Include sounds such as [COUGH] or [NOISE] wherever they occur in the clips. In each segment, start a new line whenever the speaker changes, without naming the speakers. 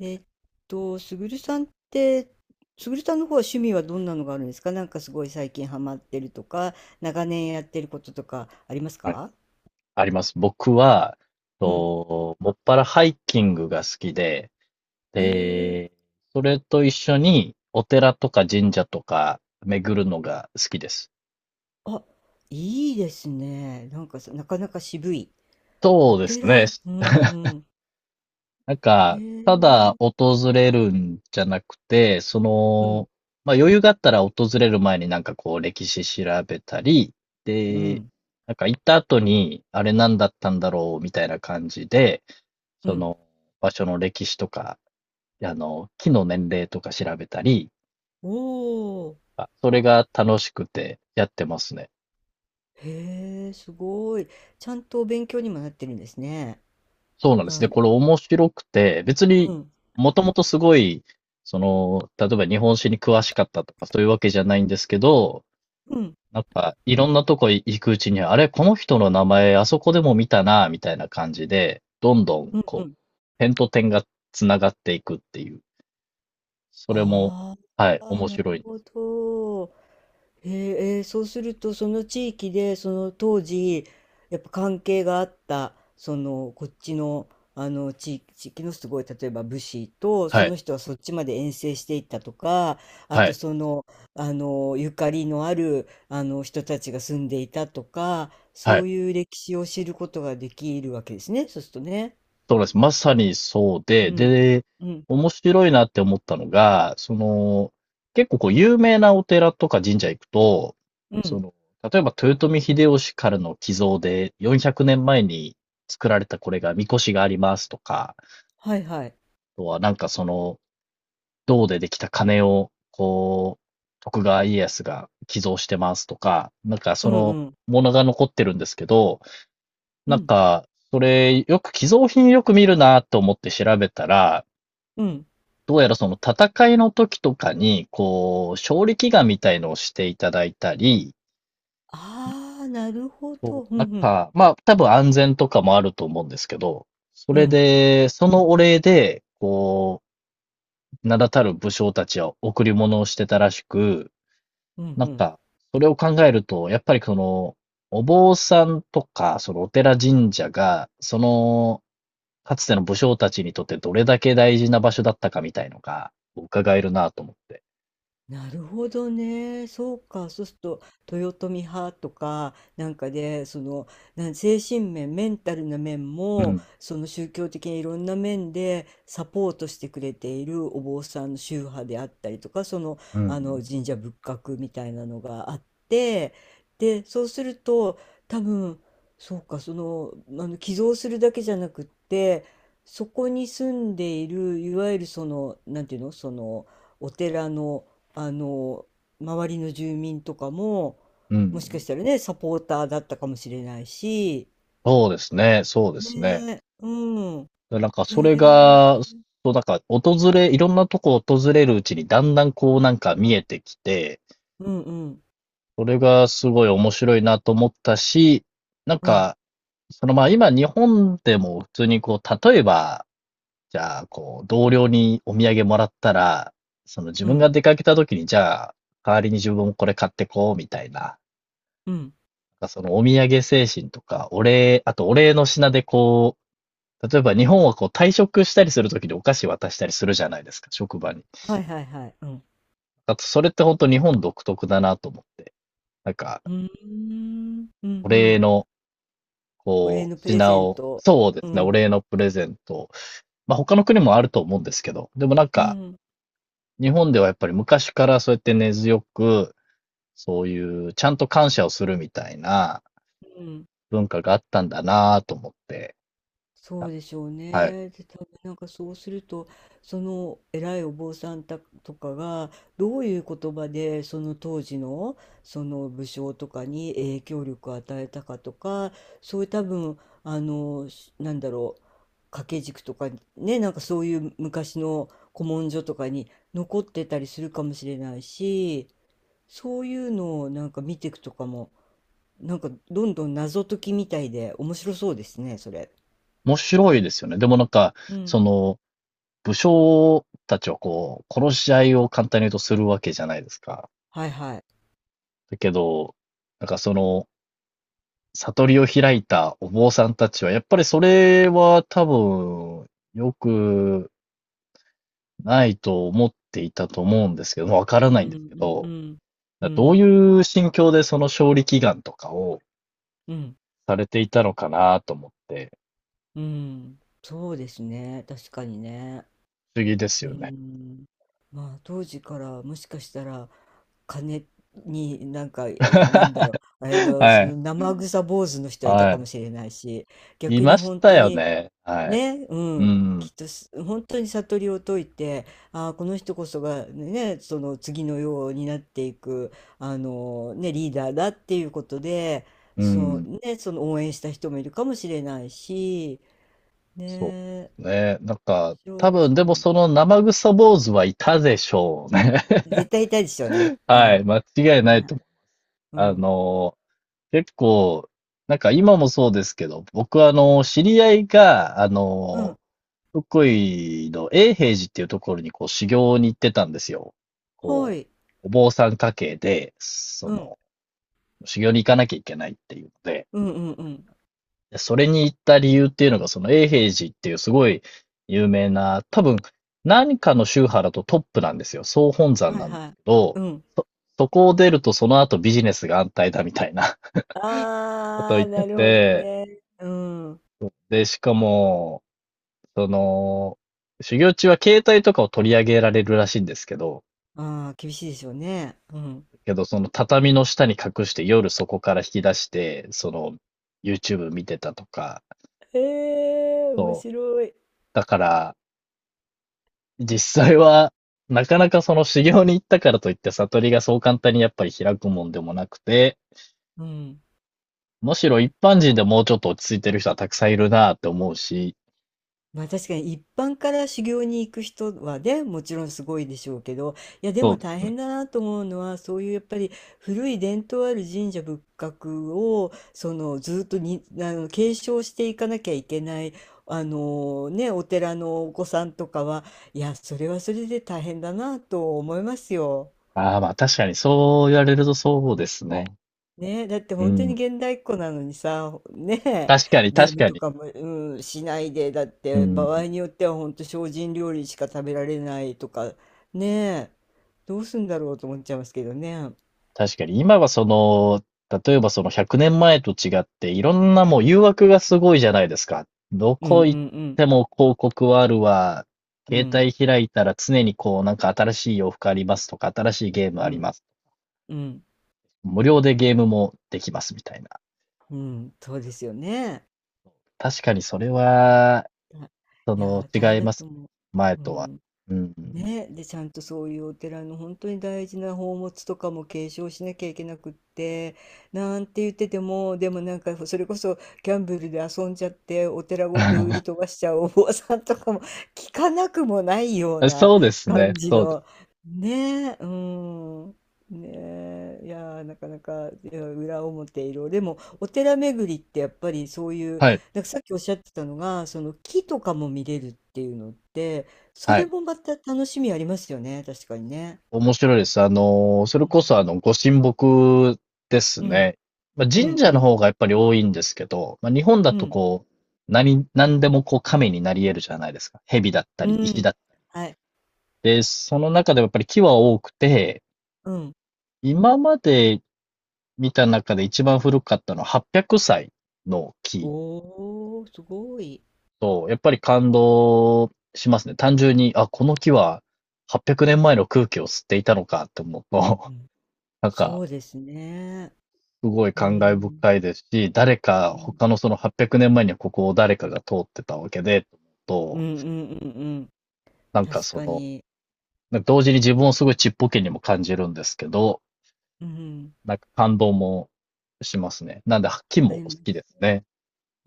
えっすぐるさんって、すぐるさんの方は趣味はどんなのがあるんですか？なんかすごい最近ハマってるとか、長年やってることとかあります
はい、
か？
あります。僕は、
うん。
もっぱらハイキングが好きで、
へえ。
で、それと一緒にお寺とか神社とか巡るのが好きです。
あ、いいですね。なんかさ、なかなか渋い。お
そうですね。
寺。うんうん。
なん
へ
か、ただ
え。
訪れるんじゃなくて、そ
うん
の、まあ余裕があったら訪れる前になんかこう歴史調べたり、
う
で、
ん
なんか行った後にあれ何だったんだろうみたいな感じで、
う
そ
ん。
の場所の歴史とかあの、木の年齢とか調べたり、
おお。
あそれが楽しくてやってますね。
へえ、すごい。ちゃんとお勉強にもなってるんですね。
そうなんで
あ、
す
う
ね。これ
ん
面白くて、別
う
に
ん
もともとすごい、その、例えば日本史に詳しかったとかそういうわけじゃないんですけど、なんかいろんなとこ行くうちに、あれ、この人の名前あそこでも見たな、みたいな感じで、どんどん
うんう
こう、
ん。
点と点がつながっていくっていう。それも、
あ
はい、
あ、
面
な
白
る
いんです
ほ
よ。
ど。えーそうすると、その地域で、その当時、やっぱ関係があった、その、こっちの、あの、地域のすごい、例えば武士と、
は
その
い、
人はそっちまで遠征していったとか、あ
は
と
い、
その、あの、ゆかりのある、あの、人たちが住んでいたとか、
は
そ
い。
ういう歴史を知ることができるわけですね、そうするとね。
そうです。まさにそう
う
で、
ん。
で、
うん。
面白いなって思ったのが、その、結構こう有名なお寺とか神社行くと、
う
そ
ん。
の、例えば豊臣秀吉からの寄贈で400年前に作られたこれが、神輿がありますとか、あ
はいはい。
とはなんかその、銅でできた鐘を、こう、徳川家康が寄贈してますとか、なんか
う
そ
ん
の、
うん。
ものが残ってるんですけど、
う
なん
ん。
か、それ、よく寄贈品よく見るなと思って調べたら、
うん。
どうやらその戦いの時とかに、こう、勝利祈願みたいのをしていただいたり、
ああ、なるほ
こ
ど。う
う、なん
んうん。
か、まあ、多分安全とかもあると思うんですけど、そ
う
れ
ん。
で、そのお礼で、こう、名だたる武将たちは贈り物をしてたらしく、
うん
な
う
ん
ん。
か、それを考えると、やっぱりその、お坊さんとか、そのお寺神社が、その、かつての武将たちにとってどれだけ大事な場所だったかみたいのが、伺えるなと思って。
なるほどね。そうか。そうすると、豊臣派とか、なんかで、その、精神面、メンタルな面
う
も、
ん。
その宗教的にいろんな面でサポートしてくれているお坊さんの宗派であったりとか、その、
う
あ
ん。
の、神社仏閣みたいなのがあって、で、そうすると、多分、そうか、その、あの、寄贈するだけじゃなくって、そこに住んでいる、いわゆるその、なんていうの、その、お寺の、あの周りの住民とかも
う
もしか
ん。
したらねサポーターだったかもしれないし。
そうですね、そうで
ね
すね。
え。うん。
で、なんか
へ
それ
え。
が、そう、なんかいろんなとこ訪れるうちにだんだんこうなんか見えてきて、
うんうん
それがすごい面白いなと思ったし、なん
うん
か、その、ま、今日本でも普通にこう、例えば、じゃあ、こう、同僚にお土産もらったら、その自
う
分が
ん。
出かけた時に、じゃあ、代わりに自分もこれ買ってこうみたいな、な
うん。
んかそのお土産精神とか、お礼あとお礼の品でこう例えば日本はこう退職したりするときにお菓子渡したりするじゃないですか、職場に。
はいはいはい。うん。
あと、それって本当日本独特だなと思って。なんか、
うーん。うん
お
う
礼
ん。
の、
お礼
こ
の
う、
プレ
品
ゼン
を、
ト。
そうで
う
すね、お
ん
礼のプレゼント。まあ他の国もあると思うんですけど、でもなん
う
か、
ん
日本ではやっぱり昔からそうやって根強く、そういうちゃんと感謝をするみたいな
うん。
文化があったんだなと思って、
そうでしょう
はい。
ね。で、多分なんかそうすると、その偉いお坊さんたとかが、どういう言葉で、その当時の、その武将とかに影響力を与えたかとか、そういう多分、あの、なんだろう、掛け軸とか、ね、なんかそういう昔の古文書とかに残ってたりするかもしれないし、そういうのをなんか見ていくとかも、なんかどんどん謎解きみたいで面白そうですね、それ。
面白いですよね。でもなんか、
うん。
その、武将たちをこう、殺し合いを簡単に言うとするわけじゃないですか。
はいはい。
だけど、なんかその、悟りを開いたお坊さんたちは、やっぱりそれは多分、良くないと思っていたと思うんですけど、わから
うん
ないんで
う
すけど、
んうんう
どう
ん
いう心境でその勝利祈願とかを
うん
されていたのかなと思って、
うん。そうですね、確かにね。
不思議です
う
よね。
ん。まあ当時からもしかしたら金になんかなんだろう、
[LAUGHS]
あれの
は
そ
い、
の生臭坊主の人はいた
は
かもしれないし、
い。い
逆
ま
に
し
本
た
当
よ
に
ね。はい。
ね、う
う
ん、き
ん、
っとす本当に悟りを解いて、ああ、この人こそがね、その次のようになっていく、あのね、リーダーだっていうことで、
う
そう
ん。
ね、その応援した人もいるかもしれないし、
そ
ね、面
うですね。なんか、
白い
多
です
分、でも
ね。
その生臭坊主はいたでしょうね。
絶対いたいでしょうね。
[LAUGHS]
うん。
は
はい。
い。間違いないと思う。
う
あ
ん。
の、結構、なんか今もそうですけど、僕はあの、知り合いが、あ
うん。
の、福井の永平寺っていうところにこう修行に行ってたんですよ。
は
こ
い。
う、お坊さん家系で、そ
うん。
の、修行に行かなきゃいけないっていうので、
うんうんうん。
でそれに行った理由っていうのが、その永平寺っていうすごい有名な、多分何かの宗派だとトップなんですよ。総本山
はい
なんです
はい。
けど、
うん。
そ、そこを出るとその後ビジネスが安泰だみたいな [LAUGHS] ことを
あ
言
あ、
って
なるほど
て、
ね。うん。
で、しかも、その、修行中は携帯とかを取り上げられるらしいんですけど、
ああ、厳しいでしょうね。うん。
けどその畳の下に隠して夜そこから引き出して、その YouTube 見てたとか、
へえ、面
そう。
白い。
だから、実
う
際
ん。
は、なかなかその修行に行ったからといって悟りがそう簡単にやっぱり開くもんでもなくて、
うん。
むしろ一般人でもうちょっと落ち着いてる人はたくさんいるなって思うし、
まあ確かに一般から修行に行く人はね、もちろんすごいでしょうけど、いやで
そ
も
うで
大
すね。
変だなと思うのは、そういうやっぱり古い伝統ある神社仏閣を、そのずっとに、あの、継承していかなきゃいけない、あのね、お寺のお子さんとかは、いや、それはそれで大変だなと思いますよ。
ああ、まあ確かにそう言われるとそうですね。
ねえ、だって
う
本当に
ん。
現代っ子なのにさ、ねえ、
確かに
ゲー
確
ム
か
と
に。
かも、うん、しないで、だっ
う
て
ん。
場合によっては本当精進料理しか食べられないとか、ねえ、どうすんだろうと思っちゃいますけどね。
確かに、今はその、例えばその100年前と違って、いろんなもう誘惑がすごいじゃないですか。ど
うんうんう
こ行っ
ん。
ても広告はあるわ。
う
携
ん
帯開いたら常にこう、なんか新しい洋服ありますとか、新しいゲーム
う
あり
ん
ます。
うん。
無料でゲームもできますみたいな。
うん、そうですよね。
確かにそれ
そう
は、
だ。
そ
いや
の、
ー、大
違
変
い
だ
ま
と
すね。
思う。
前
う
とは。
ん。
うん。
ね、で、ちゃんとそういうお寺の本当に大事な宝物とかも継承しなきゃいけなくって、なんて言ってても、でもなんかそれこそギャンブルで遊んじゃってお寺ごと売り
[LAUGHS]
飛ばしちゃうお坊さんとかも聞かなくもないような
そうですね。
感じ
そうです。
の、ねえ、うん。ねえ、いやーなかなか、いや裏表色でもお寺巡りってやっぱりそういう
はい。
なんかさっきおっしゃってたのがその木とかも見れるっていうのって、そ
は
れ
い。
もまた楽しみありますよね、確かにね。
面白いです。あの、そ
う
れこ
ん、
そあの、ご神木です
うん、
ね。まあ、
う
神
ん、う
社の
ん、
方がやっぱり多いんですけど、まあ、日本だ
う
と
ん、
こう、何、何でもこう神になり得るじゃないですか。蛇だった
う
り、石だ
ん。
った
はい、
り。で、その中でもやっぱり木は多くて、
うん。
今まで見た中で一番古かったのは800歳の木
おー、すごい。
と、やっぱり感動しますね。単純に、あ、この木は800年前の空気を吸っていたのかって思う
う
と、
ん、
[LAUGHS] なん
そ
か、
うですね。
すごい
う
感慨
ん、
深いですし、誰
う
か、
ん、
他のその800年前にはここを誰かが通ってたわけで、と思う
うん、う
と、
ん、うん、うん。
なんか
確
そ
か
の、
に。
なんか同時に自分をすごいちっぽけにも感じるんですけど、
うん、
なんか感動もしますね。なんで、木
あ
も好
りま
きです
す。
ね。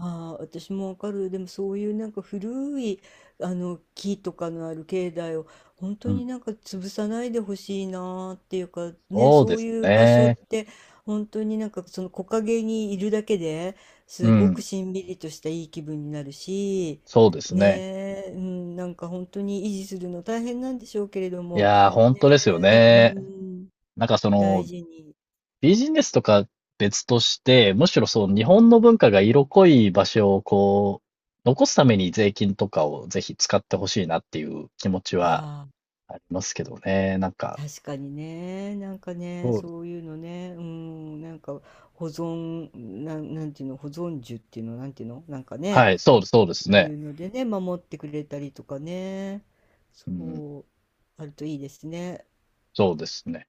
ああ、私もわかる。でもそういうなんか古いあの木とかのある境内を本
う
当に
ん。
なんか潰さないでほしいなーっていうかね、
そう
そ
で
う
す
いう場所っ
ね。
て本当になんかその木陰にいるだけで
う
すごく
ん。
しんみりとしたいい気分になるし、
そうですね。
ねえ、うん、なんか本当に維持するの大変なんでしょうけれど
い
も、
や、ー本
ね
当ですよ
え、う
ね。
ん、
なんかそ
大
の、
事に。
ビジネスとか別として、むしろそう、日
うん。
本の文化が色濃い場所をこう、残すために税金とかをぜひ使ってほしいなっていう気持ち
あ
は
あ。
ありますけどね。なんか、
確かにね、なんかね、
そうで
そう
す。
いうのね、うん、なんか保存、なんていうの、保存樹っていうの、なんていうの、なんか
は
ね、
い、そうです、そうです
こうい
ね。
うのでね、守ってくれたりとかね、
うん、
そう、あるといいですね。
そうですね。